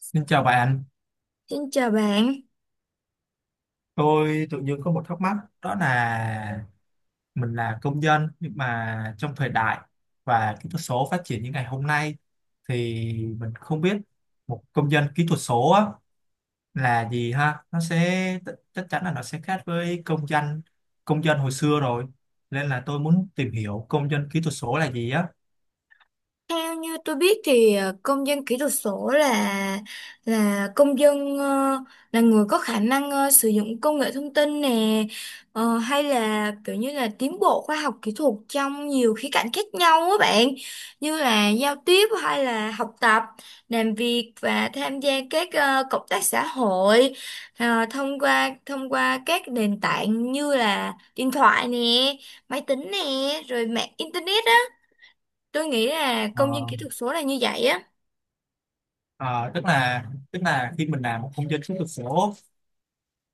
Xin chào bạn, Xin chào bạn. tôi tự nhiên có một thắc mắc, đó là mình là công dân nhưng mà trong thời đại và kỹ thuật số phát triển như ngày hôm nay thì mình không biết một công dân kỹ thuật số á, là gì ha. Nó sẽ chắc chắn là nó sẽ khác với công dân hồi xưa rồi, nên là tôi muốn tìm hiểu công dân kỹ thuật số là gì á. Theo như tôi biết thì công dân kỹ thuật số là công dân, là người có khả năng sử dụng công nghệ thông tin nè, hay là kiểu như là tiến bộ khoa học kỹ thuật trong nhiều khía cạnh khác nhau á bạn, như là giao tiếp hay là học tập, làm việc và tham gia các cộng tác xã hội, thông qua các nền tảng như là điện thoại nè, máy tính nè, rồi mạng internet. Tôi nghĩ là Ờ, công dân kỹ thuật số là như vậy á. ờ, tức là khi mình làm một công dân kỹ thuật số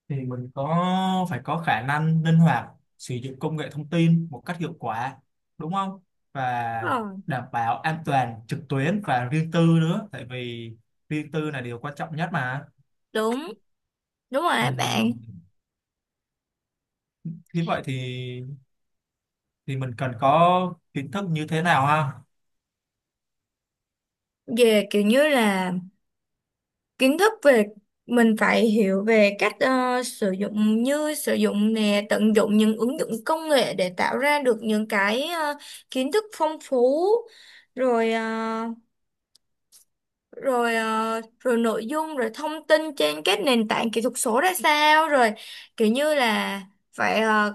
thì mình có phải có khả năng linh hoạt sử dụng công nghệ thông tin một cách hiệu quả, đúng không, Đúng và rồi, đảm bảo an toàn trực tuyến và riêng tư nữa, tại vì riêng tư là điều quan trọng nhất mà. đúng, đúng rồi á bạn. Ừm, Thế vậy thì mình cần có kiến thức như thế nào ha? Về kiểu như là kiến thức về, mình phải hiểu về cách sử dụng, như sử dụng nè, tận dụng những ứng dụng công nghệ để tạo ra được những cái kiến thức phong phú, rồi rồi nội dung, rồi thông tin trên các nền tảng kỹ thuật số ra sao, rồi kiểu như là phải ờ,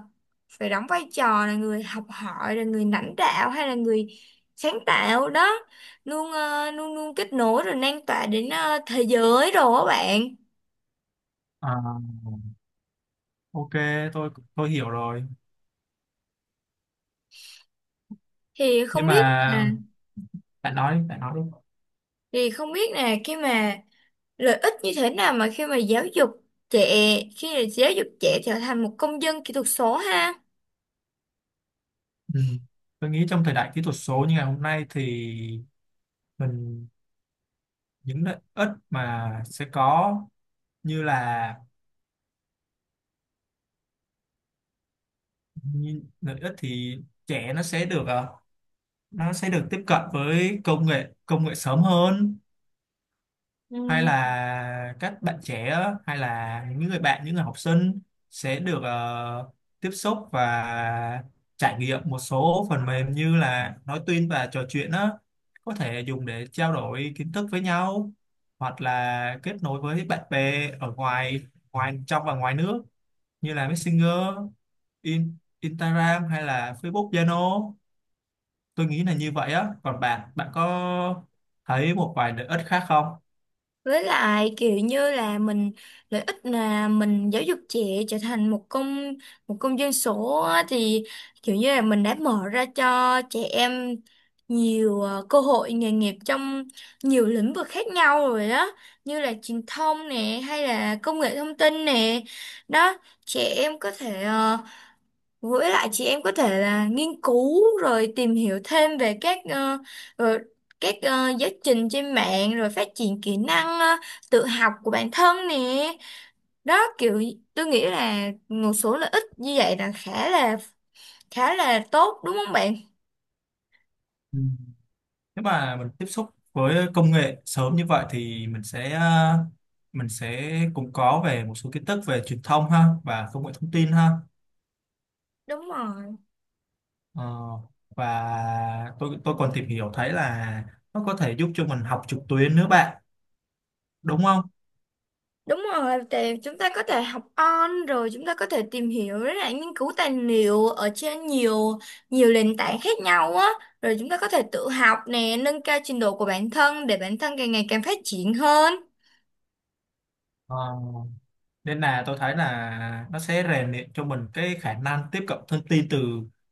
phải đóng vai trò là người học hỏi, là người lãnh đạo hay là người sáng tạo đó, luôn luôn kết nối rồi lan tỏa đến thế giới rồi các bạn. À, ok, tôi hiểu rồi, thì nhưng không biết là mà bạn nói đi, bạn nói đi. thì không biết là khi mà lợi ích như thế nào mà khi mà giáo dục trẻ khi mà giáo dục trẻ trở thành một công dân kỹ thuật số ha. Ừm, tôi nghĩ trong thời đại kỹ thuật số như ngày hôm nay thì mình những lợi ích mà sẽ có, như là như lợi ích thì trẻ nó sẽ được nó sẽ được tiếp cận với công nghệ sớm hơn, hay Ừ. là các bạn trẻ hay là những người bạn những người học sinh sẽ được tiếp xúc và trải nghiệm một số phần mềm như là nói tuyên và trò chuyện đó, có thể dùng để trao đổi kiến thức với nhau hoặc là kết nối với bạn bè ở ngoài ngoài trong và ngoài nước, như là Messenger, In, Instagram hay là Facebook, Zalo. Tôi nghĩ là như vậy á. Còn bạn, bạn có thấy một vài lợi ích khác không? Với lại kiểu như là mình, lợi ích là mình giáo dục trẻ trở thành một công dân số á, thì kiểu như là mình đã mở ra cho trẻ em nhiều cơ hội nghề nghiệp trong nhiều lĩnh vực khác nhau rồi đó, như là truyền thông nè hay là công nghệ thông tin nè đó. Trẻ em có thể với lại chị em có thể là nghiên cứu rồi tìm hiểu thêm về ờ, các giáo trình trên mạng, rồi phát triển kỹ năng tự học của bản thân nè. Đó kiểu, tôi nghĩ là một số lợi ích như vậy là khá là tốt, đúng không bạn? Ừ. Nếu mà mình tiếp xúc với công nghệ sớm như vậy thì mình sẽ mình sẽ cũng có về một số kiến thức về truyền thông ha và công nghệ thông tin ha. Đúng rồi. Ờ, và tôi còn tìm hiểu thấy là nó có thể giúp cho mình học trực tuyến nữa bạn, đúng không? Đúng rồi, thì chúng ta có thể học on, rồi chúng ta có thể tìm hiểu với lại nghiên cứu tài liệu ở trên nhiều nhiều nền tảng khác nhau á, rồi chúng ta có thể tự học nè, nâng cao trình độ của bản thân để bản thân càng ngày càng phát triển hơn. Ờ, nên là tôi thấy là nó sẽ rèn luyện cho mình cái khả năng tiếp cận thông tin từ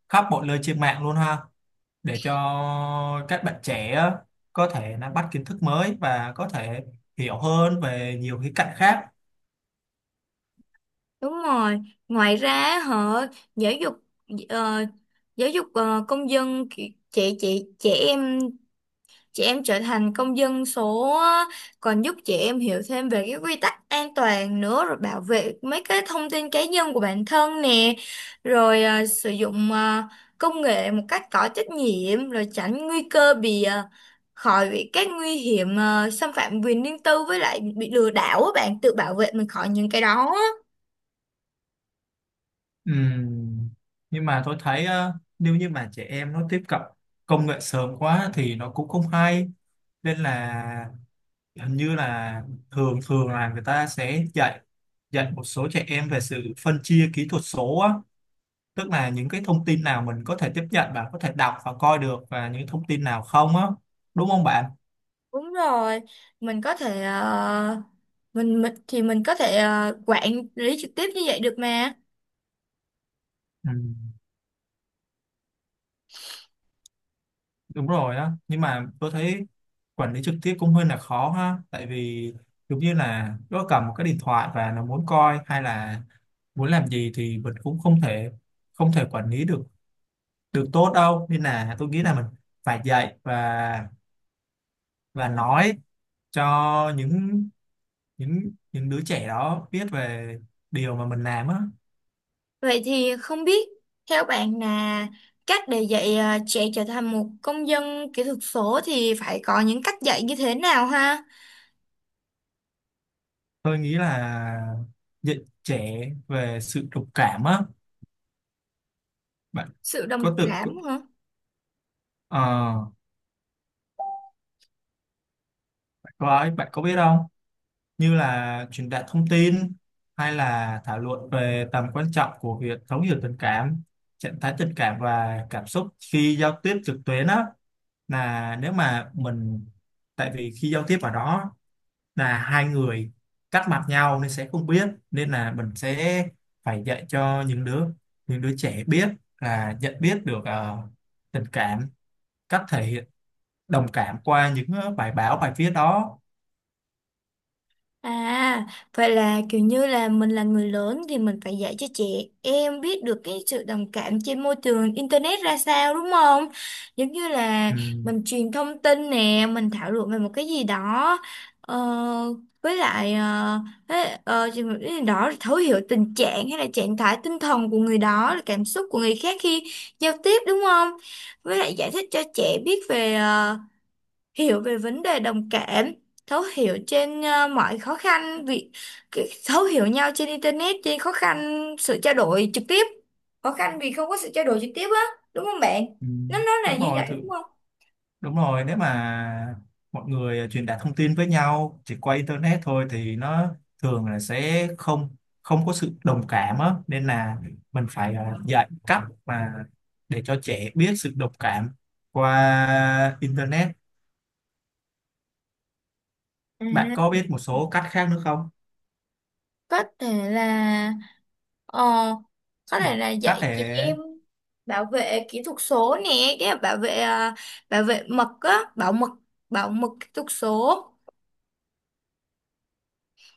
khắp mọi nơi trên mạng luôn ha, để cho các bạn trẻ á, có thể nắm bắt kiến thức mới và có thể hiểu hơn về nhiều khía cạnh khác. Đúng rồi. Ngoài ra họ giáo dục, ờ, công dân trẻ trẻ trẻ em, chị em trở thành công dân số á, còn giúp chị em hiểu thêm về cái quy tắc an toàn nữa, rồi bảo vệ mấy cái thông tin cá nhân của bản thân nè, rồi sử dụng công nghệ một cách có trách nhiệm, rồi tránh nguy cơ bị khỏi bị các nguy hiểm, xâm phạm quyền riêng tư với lại bị lừa đảo á bạn, tự bảo vệ mình khỏi những cái đó á. Ừm, nhưng mà tôi thấy á, nếu như mà trẻ em nó tiếp cận công nghệ sớm quá thì nó cũng không hay, nên là hình như là thường thường là người ta sẽ dạy dạy một số trẻ em về sự phân chia kỹ thuật số á, tức là những cái thông tin nào mình có thể tiếp nhận và có thể đọc và coi được và những thông tin nào không á, đúng không bạn? Đúng rồi, mình có thể mình có thể quản lý trực tiếp như vậy được mà. Ừ, đúng rồi á, nhưng mà tôi thấy quản lý trực tiếp cũng hơi là khó ha, tại vì giống như là nó cầm một cái điện thoại và nó muốn coi hay là muốn làm gì thì mình cũng không thể quản lý được được tốt đâu, nên là tôi nghĩ là mình phải dạy và nói cho những đứa trẻ đó biết về điều mà mình làm á. Vậy thì không biết theo bạn là cách để dạy trẻ trở thành một công dân kỹ thuật số thì phải có những cách dạy như thế nào ha? Tôi nghĩ là dạy trẻ về sự đồng cảm á bạn. Sự đồng có tự cảm có- hả? ờ, Bạn có bạn có biết không, như là truyền đạt thông tin hay là thảo luận về tầm quan trọng của việc thấu hiểu tình cảm, trạng thái tình cảm và cảm xúc khi giao tiếp trực tuyến á. Là nếu mà mình, tại vì khi giao tiếp ở đó là hai người cắt mặt nhau nên sẽ không biết, nên là mình sẽ phải dạy cho những đứa trẻ biết, là nhận biết được tình cảm, cách thể hiện đồng cảm qua những bài báo bài viết đó. À, vậy là kiểu như là mình là người lớn thì mình phải dạy cho trẻ em biết được cái sự đồng cảm trên môi trường internet ra sao, đúng không? Giống như là ừ, mình truyền thông tin nè, mình thảo luận về một cái gì đó, ờ, với lại ờ, thế- ờ, chừng- một cái gì đó thấu hiểu tình trạng hay là trạng thái tinh thần của người đó, là cảm xúc của người khác khi giao tiếp, đúng không? Với lại giải thích cho trẻ biết về, hiểu về vấn đề đồng cảm, thấu hiểu trên mọi khó khăn việc, thấu hiểu nhau trên internet, trên khó khăn sự trao đổi trực tiếp, khó khăn vì không có sự trao đổi trực tiếp á, đúng không bạn, ừ, nó là Đúng như rồi vậy thử. đúng không. Đúng rồi, nếu mà mọi người truyền đạt thông tin với nhau chỉ qua internet thôi thì nó thường là sẽ không không có sự đồng cảm á, nên là mình phải dạy cách mà để cho trẻ biết sự đồng cảm qua internet. Bạn À, có biết một số cách khác nữa không? có thể là, ờ, có thể là Cách để dạy chị em bảo vệ kỹ thuật số nè, cái bảo vệ ờ, bảo vệ mật á bảo mật, bảo mật kỹ thuật số.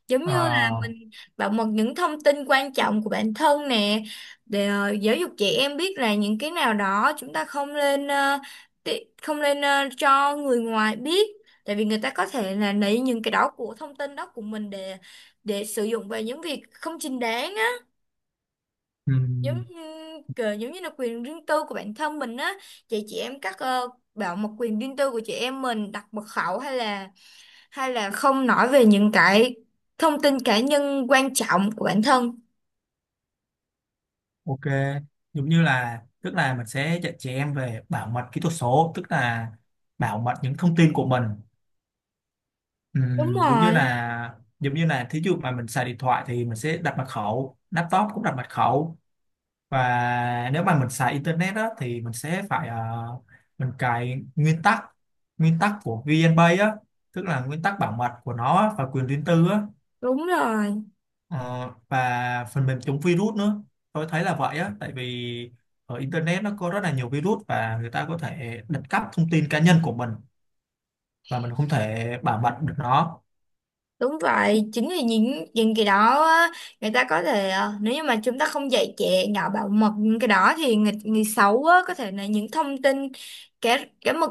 Giống như là ờ, mình bảo mật những thông tin quan trọng của bản thân nè, để giáo dục trẻ em biết là những cái nào đó chúng ta không nên, cho người ngoài biết, tại vì người ta có thể là lấy những cái đó của thông tin đó của mình để, sử dụng vào những việc không chính đáng á. Giống ừm, như, kiểu giống như là quyền riêng tư của bản thân mình á, chị em các, bảo mật quyền riêng tư của chị em mình, đặt mật khẩu hay là, hay là không nói về những cái thông tin cá nhân quan trọng của bản thân. ok, giống như là, tức là mình sẽ dạy trẻ em về bảo mật kỹ thuật số, tức là bảo mật những thông tin của mình. Đúng Giống như rồi. là giống như là thí dụ mà mình xài điện thoại thì mình sẽ đặt mật khẩu, laptop cũng đặt mật khẩu, và nếu mà mình xài internet đó thì mình sẽ phải mình cài nguyên tắc của VNPay á, tức là nguyên tắc bảo mật của nó á, và quyền riêng tư á. Đúng rồi, Ờ, và phần mềm chống virus nữa, tôi thấy là vậy á, tại vì ở internet nó có rất là nhiều virus và người ta có thể đặt cắp thông tin cá nhân của mình và mình không thể bảo mật được nó. đúng vậy. Chính vì những cái đó á, người ta có thể, nếu như mà chúng ta không dạy trẻ nhỏ bảo mật những cái đó thì người xấu á, có thể là những thông tin, cá cá mật,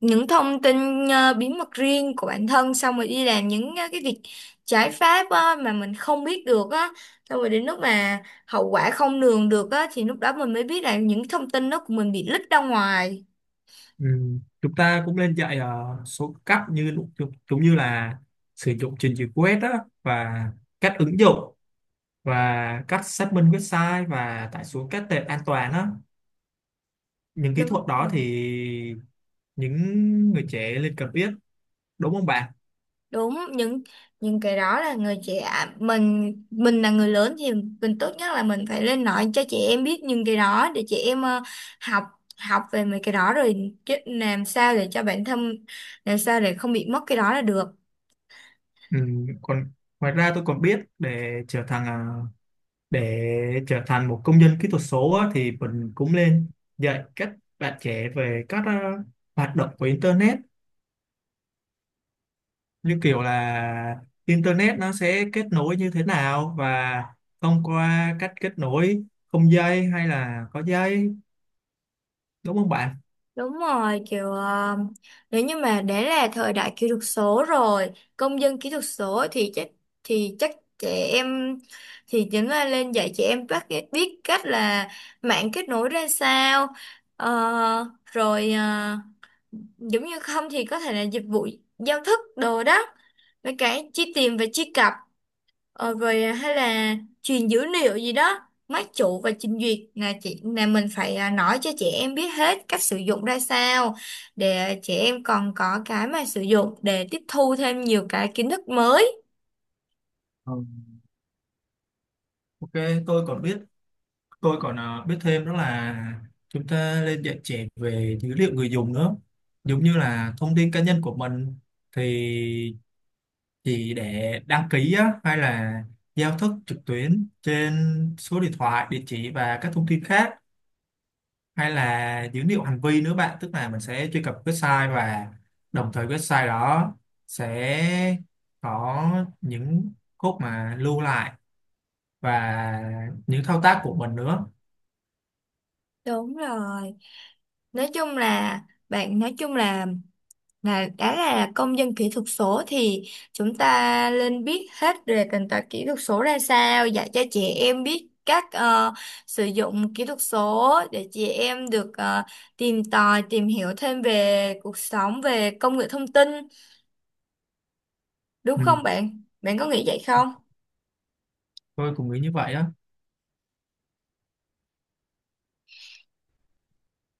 những thông tin bí mật riêng của bản thân, xong rồi đi làm những cái việc trái pháp á, mà mình không biết được á, xong rồi đến lúc mà hậu quả không lường được á thì lúc đó mình mới biết là những thông tin đó của mình bị lít ra ngoài. Ừ, chúng ta cũng nên dạy số cách như giống giống như là sử dụng trình duyệt web đó, và cách ứng dụng và cách xác minh website và tải xuống các tệp an toàn đó, những kỹ Đúng thuật đó rồi. thì những người trẻ nên cần biết, đúng không bạn? Đúng, những cái đó là người trẻ, mình là người lớn thì mình tốt nhất là mình phải lên nói cho trẻ em biết những cái đó, để trẻ em, học học về mấy cái đó rồi, chứ làm sao để cho bản thân, làm sao để không bị mất cái đó là được. Ừ, còn ngoài ra tôi còn biết để trở thành để trở thành một công dân kỹ thuật số á, thì mình cũng nên dạy các bạn trẻ về các hoạt động của internet, như kiểu là internet nó sẽ kết nối như thế nào và thông qua cách kết nối không dây hay là có dây, đúng không bạn? Đúng rồi, kiểu nếu như mà đã là thời đại kỹ thuật số rồi, công dân kỹ thuật số thì chắc, thì chắc trẻ em, thì chính là lên dạy trẻ em bắt biết cách là mạng kết nối ra sao. Ờ, rồi ờ, Giống như không thì có thể là dịch vụ, giao thức đồ đó. Với cái chi tiền và chi cặp. Rồi hay là truyền dữ liệu gì đó, máy chủ và trình duyệt, là mình phải nói cho trẻ em biết hết cách sử dụng ra sao để trẻ em còn có cái mà sử dụng để tiếp thu thêm nhiều cái kiến thức mới. Ờ, ok, tôi còn biết, tôi còn biết thêm đó là chúng ta nên dạy trẻ về dữ liệu người dùng nữa. Giống như là thông tin cá nhân của mình thì chỉ để đăng ký á, hay là giao thức trực tuyến trên số điện thoại, địa chỉ và các thông tin khác, hay là dữ liệu hành vi nữa bạn, tức là mình sẽ truy cập website và đồng thời website đó sẽ có những code mà lưu lại và những thao tác của mình nữa. Đúng rồi, nói chung là, nói chung Là đã là công dân kỹ thuật số thì chúng ta nên biết hết về nền tảng kỹ thuật số ra sao, dạy cho trẻ em biết cách sử dụng kỹ thuật số để trẻ em được tìm tòi, tìm hiểu thêm về cuộc sống, về công nghệ thông tin, đúng Ừ, không bạn? Bạn có nghĩ vậy không? tôi cũng nghĩ như vậy á.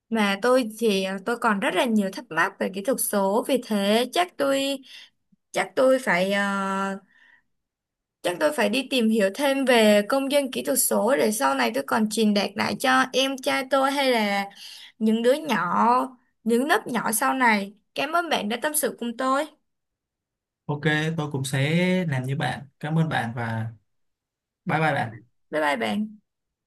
Mà tôi thì tôi còn rất là nhiều thắc mắc về kỹ thuật số, vì thế chắc tôi, chắc tôi phải ờ, chắc tôi phải đi tìm hiểu thêm về công dân kỹ thuật số để sau này tôi còn truyền đạt lại cho em trai tôi, hay là những đứa nhỏ, những lớp nhỏ sau này. Cảm ơn bạn đã tâm sự cùng tôi. Ok, tôi cũng sẽ làm như bạn. Cảm ơn bạn, và bye bye bạn. Bye bye bạn.